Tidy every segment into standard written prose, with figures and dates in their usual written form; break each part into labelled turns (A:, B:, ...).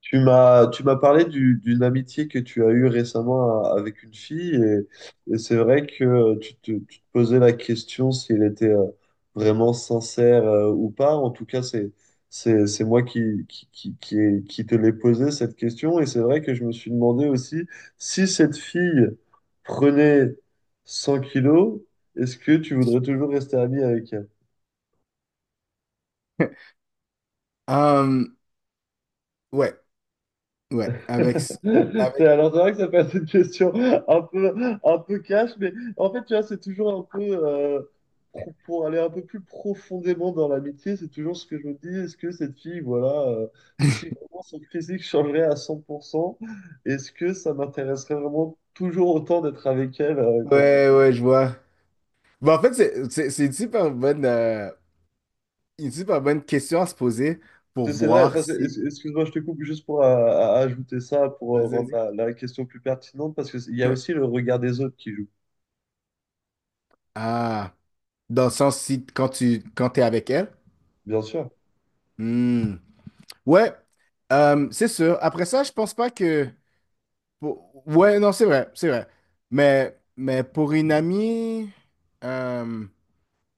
A: Tu m'as parlé d'une amitié que tu as eue récemment avec une fille et c'est vrai que tu te posais la question si elle était vraiment sincère ou pas. En tout cas, c'est moi qui te l'ai posé cette question et c'est vrai que je me suis demandé aussi si cette fille prenait 100 kilos, est-ce que tu voudrais toujours rester ami avec elle?
B: Euh, ouais, ouais, avec, avec,
A: Alors, c'est vrai que ça peut être une question un peu cash, mais en fait, tu vois, c'est toujours un peu, euh, pour aller un peu plus profondément dans l'amitié, c'est toujours ce que je me dis, est-ce que cette fille, voilà, si vraiment son physique changerait à 100%, est-ce que ça m'intéresserait vraiment toujours autant d'être avec elle, comme ça?
B: ouais, ouais, je vois. Bon, en fait, c'est une super bonne question à se poser pour
A: C'est vrai,
B: voir
A: parce que,
B: si,
A: excuse-moi, je te coupe juste pour ajouter ça, pour
B: vas-y,
A: rendre
B: vas-y.
A: la question plus pertinente, parce qu'il y a aussi le regard des autres qui joue,
B: Ah, dans le sens si quand t'es avec elle.
A: bien sûr.
B: Hmm. Ouais, c'est sûr. Après ça, je pense pas que, pour- ouais, non, c'est vrai, c'est vrai. Mais pour une amie, hum,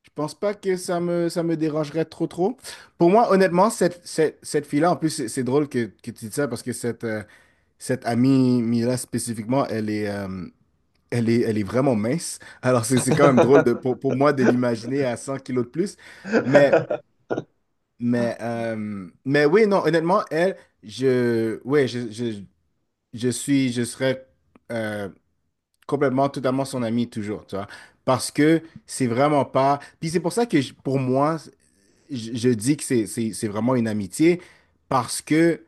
B: je pense pas que ça me dérangerait trop trop. Pour moi, honnêtement, cette fille-là, en plus, c'est drôle que tu dis ça parce que cette amie Mila spécifiquement, elle est vraiment mince. Alors, c'est quand même drôle de, pour moi de l'imaginer à 100 kilos de plus. Mais, mais oui, non, honnêtement, elle, je, ouais, je suis, je serais euh, complètement, totalement son ami toujours, tu vois. Parce que c'est vraiment pas. Puis c'est pour ça que pour moi, je dis que c'est vraiment une amitié parce que,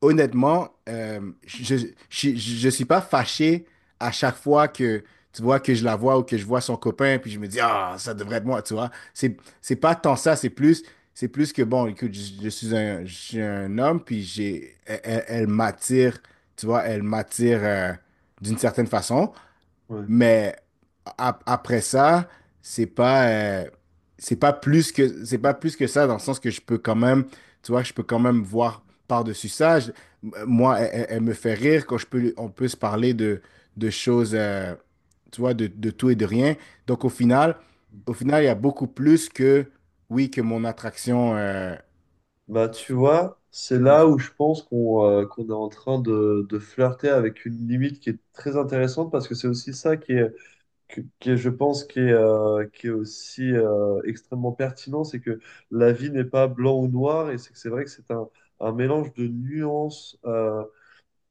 B: honnêtement, je- suis pas fâché à chaque fois que, tu vois, que je la vois ou que je vois son copain, puis je me dis, ah, ça devrait être moi, tu vois. C'est pas tant ça, c'est plus que, bon, écoute, je suis un homme, puis j'ai, elle m'attire, tu vois, elle m'attire d'une certaine façon.
A: Ouais.
B: Mais après ça, c'est pas, euh, c'est pas plus que, c'est pas plus que ça, dans le sens que je peux quand même, tu vois, je peux quand même voir par-dessus ça. Moi, elle me fait rire quand je peux, on peut se parler de choses, tu vois, de tout et de rien. Donc au final, il y a beaucoup plus que, oui, que mon attraction
A: Bah, tu vois, c'est là
B: physique.
A: où je pense qu'on est en train de flirter avec une limite qui est très intéressante parce que c'est aussi ça qui est, qui est, je pense, qui est aussi extrêmement pertinent. C'est que la vie n'est pas blanc ou noir et c'est que c'est vrai que c'est un mélange de nuances,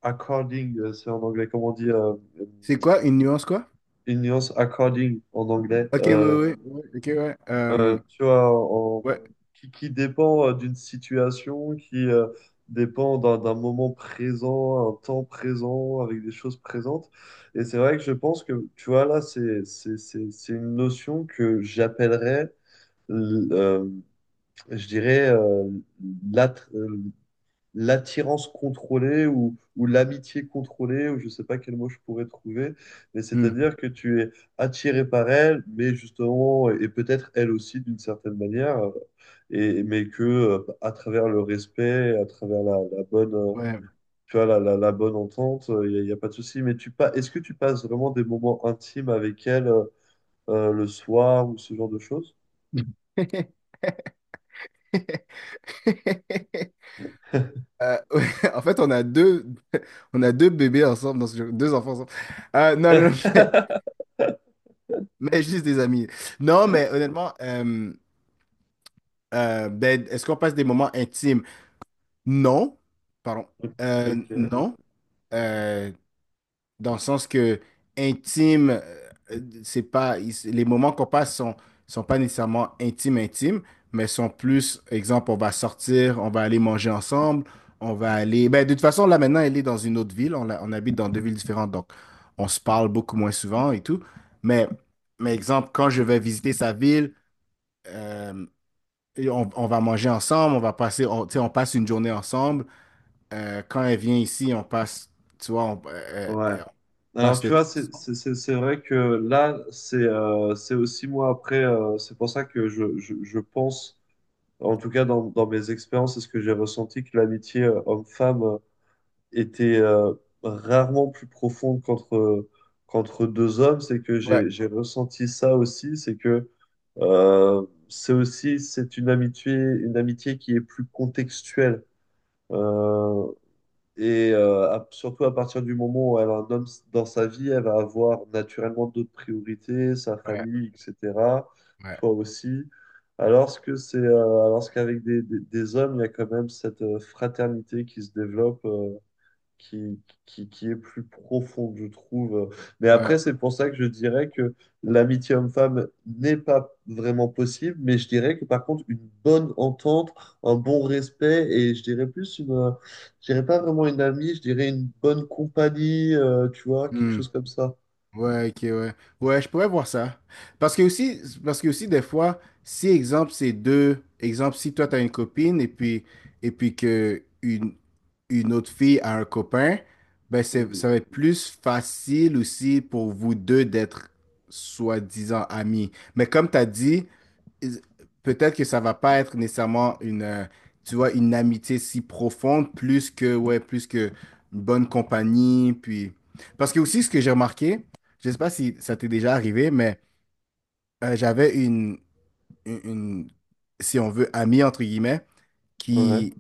A: according, c'est en anglais, comment on dit? euh,
B: C'est quoi, une nuance, quoi?
A: une nuance according en anglais.
B: Ok, oui,
A: Euh,
B: oui, oui, ok, ouais.
A: Euh, tu vois,
B: Ouais.
A: qui dépend, d'une situation, qui dépend d'un moment présent, un temps présent, avec des choses présentes. Et c'est vrai que je pense que, tu vois, là, c'est une notion que j'appellerais, l- euh, je dirais, l'attirance contrôlée ou l'amitié contrôlée, ou je ne sais pas quel mot je pourrais trouver, mais
B: Hmm.
A: c'est-à-dire que tu es attiré par elle, mais justement, et peut-être elle aussi d'une certaine manière, et, mais que à travers le respect, à travers la bonne,
B: Ouais.
A: tu vois, la bonne entente, il n'y a, y a pas de souci. Mais tu pas, est-ce que tu passes vraiment des moments intimes avec elle, le soir ou ce genre de choses?
B: Ouais, en fait, on a deux, on a deux bébés ensemble dans ce jeu, deux enfants ensemble. Non, non, non, mais juste des amis. Non, mais honnêtement, ben, est-ce qu'on passe des moments intimes? Non, pardon.
A: Ok.
B: Non. Euh, dans le sens que intime, c'est pas, il- les moments qu'on passe sont, sont pas nécessairement intimes, intimes, mais sont plus, exemple, on va sortir, on va aller manger ensemble, on va aller, ben, de toute façon, là, maintenant, elle est dans une autre ville, on habite dans deux villes différentes, donc on se parle beaucoup moins souvent et tout, mais, mais exemple, quand je vais visiter sa ville, euh, et on va manger ensemble, on va passer, on, tu sais, on passe une journée ensemble. Quand elle vient ici, on passe, tu vois,
A: Ouais.
B: on
A: Alors,
B: passe le
A: tu vois,
B: temps.
A: c'est vrai que là, c'est, c'est aussi moi après, c'est pour ça que je pense, en tout cas dans, dans mes expériences, et ce que j'ai ressenti, que l'amitié, homme-femme, était, rarement plus profonde qu'entre deux hommes. C'est que
B: Ouais,
A: j'ai ressenti ça aussi, c'est que, c'est aussi c'est une amitié qui est plus contextuelle. Euh, et surtout à partir du moment où elle a un homme dans sa vie, elle va avoir naturellement d'autres priorités, sa
B: ouais,
A: famille, etc.
B: ouais,
A: Toi aussi. Alors que c'est, euh, alors qu'avec des hommes, il y a quand même cette fraternité qui se développe, qui, qui est plus profonde, je trouve. Mais après,
B: ouais.
A: c'est pour ça que je dirais que l'amitié homme-femme n'est pas vraiment possible, mais je dirais que par contre, une bonne entente, un bon respect, et je dirais plus je dirais pas vraiment une amie, je dirais une bonne compagnie, tu vois, quelque
B: Hmm.
A: chose comme ça.
B: Ouais, ok, ouais. Ouais, je pourrais voir ça. Parce que aussi des fois, si exemple c'est deux, exemple si toi t'as une copine et puis que une autre fille a un copain, ben c'est
A: Oui.
B: ça va être plus facile aussi pour vous deux d'être soi-disant amis. Mais comme t'as dit, peut-être que ça va pas être nécessairement une, tu vois, une amitié si profonde, plus que, ouais, plus que une bonne compagnie, puis... Parce que aussi, ce que j'ai remarqué, je sais pas si ça t'est déjà arrivé, mais j'avais une, une- si on veut, amie, entre guillemets,
A: Ouais.
B: qui,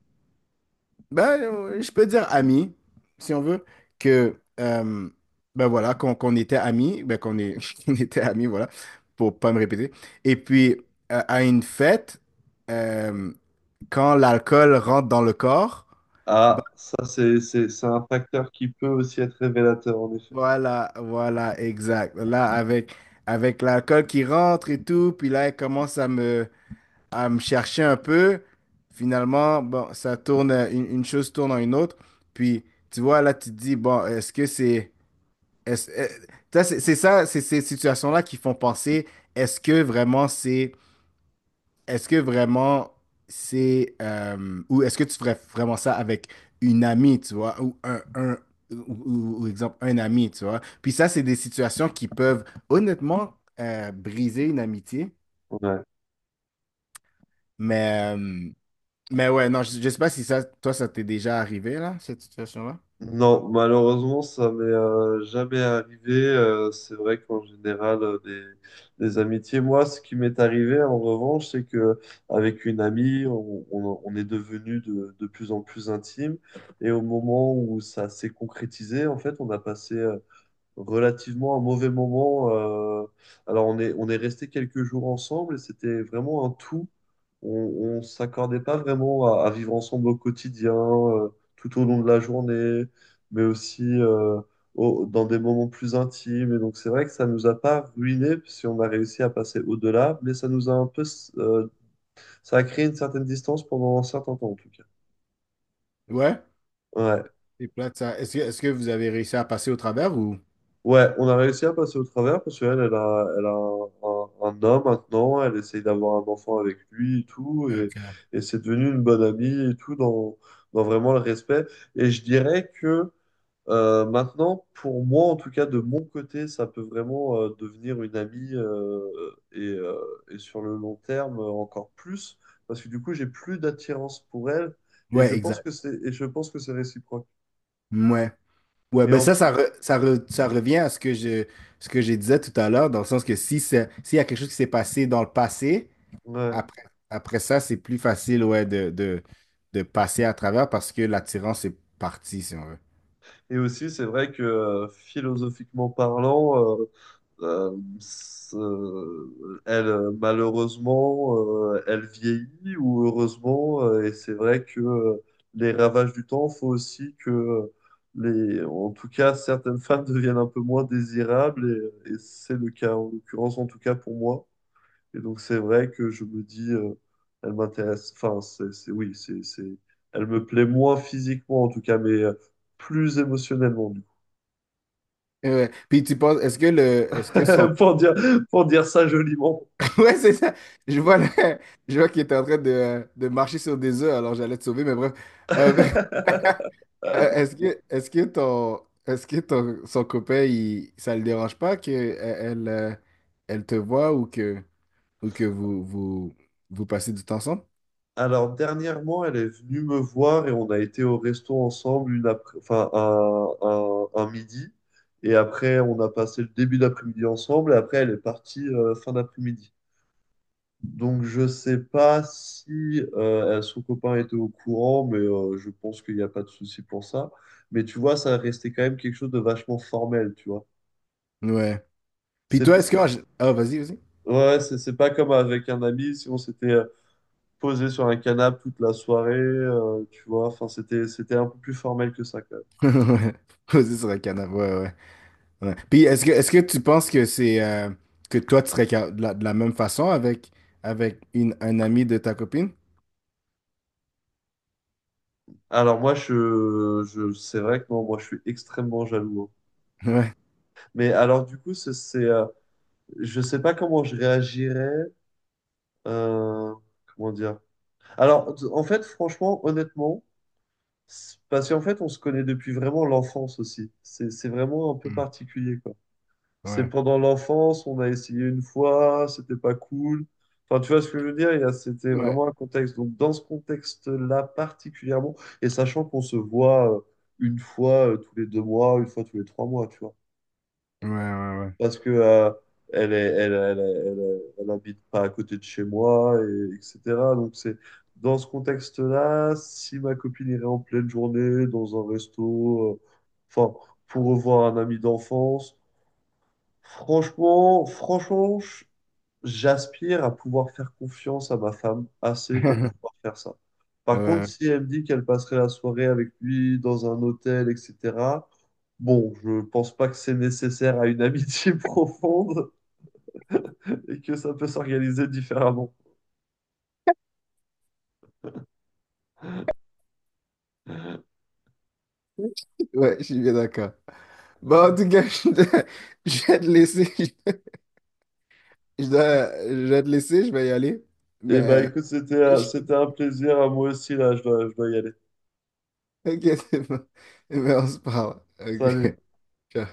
B: ben, je peux dire amie, si on veut, que, euh, ben voilà, qu'on était amis, ben qu'on est, qu'on était amis, voilà, pour pas me répéter. Et puis, à une fête, euh, quand l'alcool rentre dans le corps, bah,
A: Ah, ça, c'est un facteur qui peut aussi être révélateur, en effet.
B: voilà, voilà, exact. Là, avec, avec l'alcool qui rentre et tout, puis là, elle commence à me chercher un peu. Finalement, bon, ça tourne, une chose tourne en une autre. Puis, tu vois, là, tu te dis, bon, est-ce que c'est... est-ce- euh, ça, c'est ces situations-là qui font penser, est-ce que vraiment c'est Est-ce que vraiment c'est ou est-ce que tu ferais vraiment ça avec une amie, tu vois, un ou, ou exemple un ami, tu vois. Puis ça, c'est des situations qui peuvent honnêtement briser une amitié.
A: Ouais.
B: Mais euh, mais ouais, non, je sais pas si ça, toi, ça t'est déjà arrivé là, cette situation-là.
A: Non, malheureusement, ça m'est jamais arrivé. C'est vrai qu'en général, des amitiés. Moi, ce qui m'est arrivé, en revanche, c'est que avec une amie, on est devenu de plus en plus intime. Et au moment où ça s'est concrétisé, en fait, on a passé, relativement un mauvais moment. Alors, on est resté quelques jours ensemble et c'était vraiment un tout. On ne s'accordait pas vraiment à vivre ensemble au quotidien, tout au long de la journée, mais aussi, dans des moments plus intimes. Et donc, c'est vrai que ça nous a pas ruiné si on a réussi à passer au-delà, mais ça nous a euh, ça a créé une certaine distance pendant un certain temps, en tout cas.
B: Ouais.
A: Ouais.
B: C'est plate ça. Est-ce que vous avez réussi à passer au travers ou?
A: Ouais, on a réussi à passer au travers parce qu'elle a un homme maintenant, elle essaye d'avoir un enfant avec lui et tout, et,
B: Ok.
A: et c'est devenu une bonne amie et tout, dans, dans vraiment le respect. Et je dirais que, maintenant, pour moi, en tout cas, de mon côté, ça peut vraiment, devenir une amie, et, euh, et sur le long terme, encore plus, parce que du coup, j'ai plus d'attirance pour elle, et
B: Ouais,
A: je pense
B: exact.
A: que c'est réciproque.
B: Ouais. Ouais,
A: Et
B: ben
A: en,
B: ça, ça, ça revient à ce que ce que je disais tout à l'heure, dans le sens que si c'est- s'il y a quelque chose qui s'est passé dans le passé,
A: ouais.
B: après, après ça, c'est plus facile ouais, de passer à travers parce que l'attirance est partie, si on veut.
A: Et aussi, c'est vrai que, philosophiquement parlant, elle, malheureusement, elle vieillit ou heureusement, et c'est vrai que, les ravages du temps font aussi que, en tout cas, certaines femmes deviennent un peu moins désirables, et c'est le cas en l'occurrence, en tout cas pour moi. Et donc, c'est vrai que je me dis, elle m'intéresse, enfin, oui, elle me plaît moins physiquement en tout cas, mais, plus émotionnellement.
B: Ouais. Puis tu penses, est-ce que son
A: pour dire, pour dire ça joliment.
B: ouais, c'est ça. Je vois, je vois qu'il était en train de marcher sur des œufs, alors j'allais te sauver, mais bref. Euh, est-ce que son copain, il, ça le dérange pas que e- elle, elle te voit ou que vous passez du temps ensemble?
A: Alors, dernièrement, elle est venue me voir et on a été au resto ensemble enfin, un midi. Et après, on a passé le début d'après-midi ensemble. Et après, elle est partie, fin d'après-midi. Donc, je sais pas si, son copain était au courant, mais, je pense qu'il n'y a pas de souci pour ça. Mais tu vois, ça restait quand même quelque chose de vachement formel, tu vois.
B: Ouais. Puis toi,
A: C'est,
B: est-ce
A: c'est-
B: que... Ah, vas-y, vas-y.
A: ouais, c'est pas comme avec un ami, si on s'était, posé sur un canapé toute la soirée, tu vois. Enfin, c'était un peu plus formel que ça, quand même.
B: Ouais. Vas-y sur le canapé, ouais, ouais. Ouais. Puis est-ce que tu penses que c'est... que toi, tu serais de la même façon avec, avec une, un ami de ta copine?
A: Alors, moi, c'est vrai que non, moi, je suis extrêmement jaloux, hein.
B: Ouais.
A: Mais alors, du coup, je sais pas comment je réagirais. euh, comment dire? Alors, en fait, franchement, honnêtement, parce qu'en fait, on se connaît depuis vraiment l'enfance aussi. C'est vraiment un peu
B: Mm.
A: particulier, quoi. C'est
B: Ouais.
A: pendant l'enfance, on a essayé une fois, c'était pas cool. Enfin, tu vois ce que je veux dire? C'était
B: Ouais.
A: vraiment un contexte. Donc, dans ce contexte-là particulièrement, et sachant qu'on se voit, une fois, tous les 2 mois, une fois tous les 3 mois, tu vois.
B: Ouais, ouais, ouais.
A: Parce que, elle est, elle, elle, elle, elle habite pas à côté de chez moi, et, etc. Donc, c'est dans ce contexte-là, si ma copine irait en pleine journée dans un resto, enfin, pour revoir un ami d'enfance. Franchement, franchement, j'aspire à pouvoir faire confiance à ma femme assez pour pouvoir faire ça. Par contre,
B: Ouais,
A: si elle me dit qu'elle passerait la soirée avec lui dans un hôtel, etc., bon, je pense pas que c'est nécessaire à une amitié profonde et que ça peut s'organiser différemment.
B: ouais, je suis bien d'accord. Bon, en tout cas, je vais te laisser. Je vais te laisser, je vais y aller.
A: Eh ben,
B: Mais,
A: écoute, c'était,
B: euh,
A: un- c'était un plaisir à moi aussi, là, je dois y aller.
B: ok, c'est bon. Mais on se parle.
A: Salut.
B: Ok. Ciao.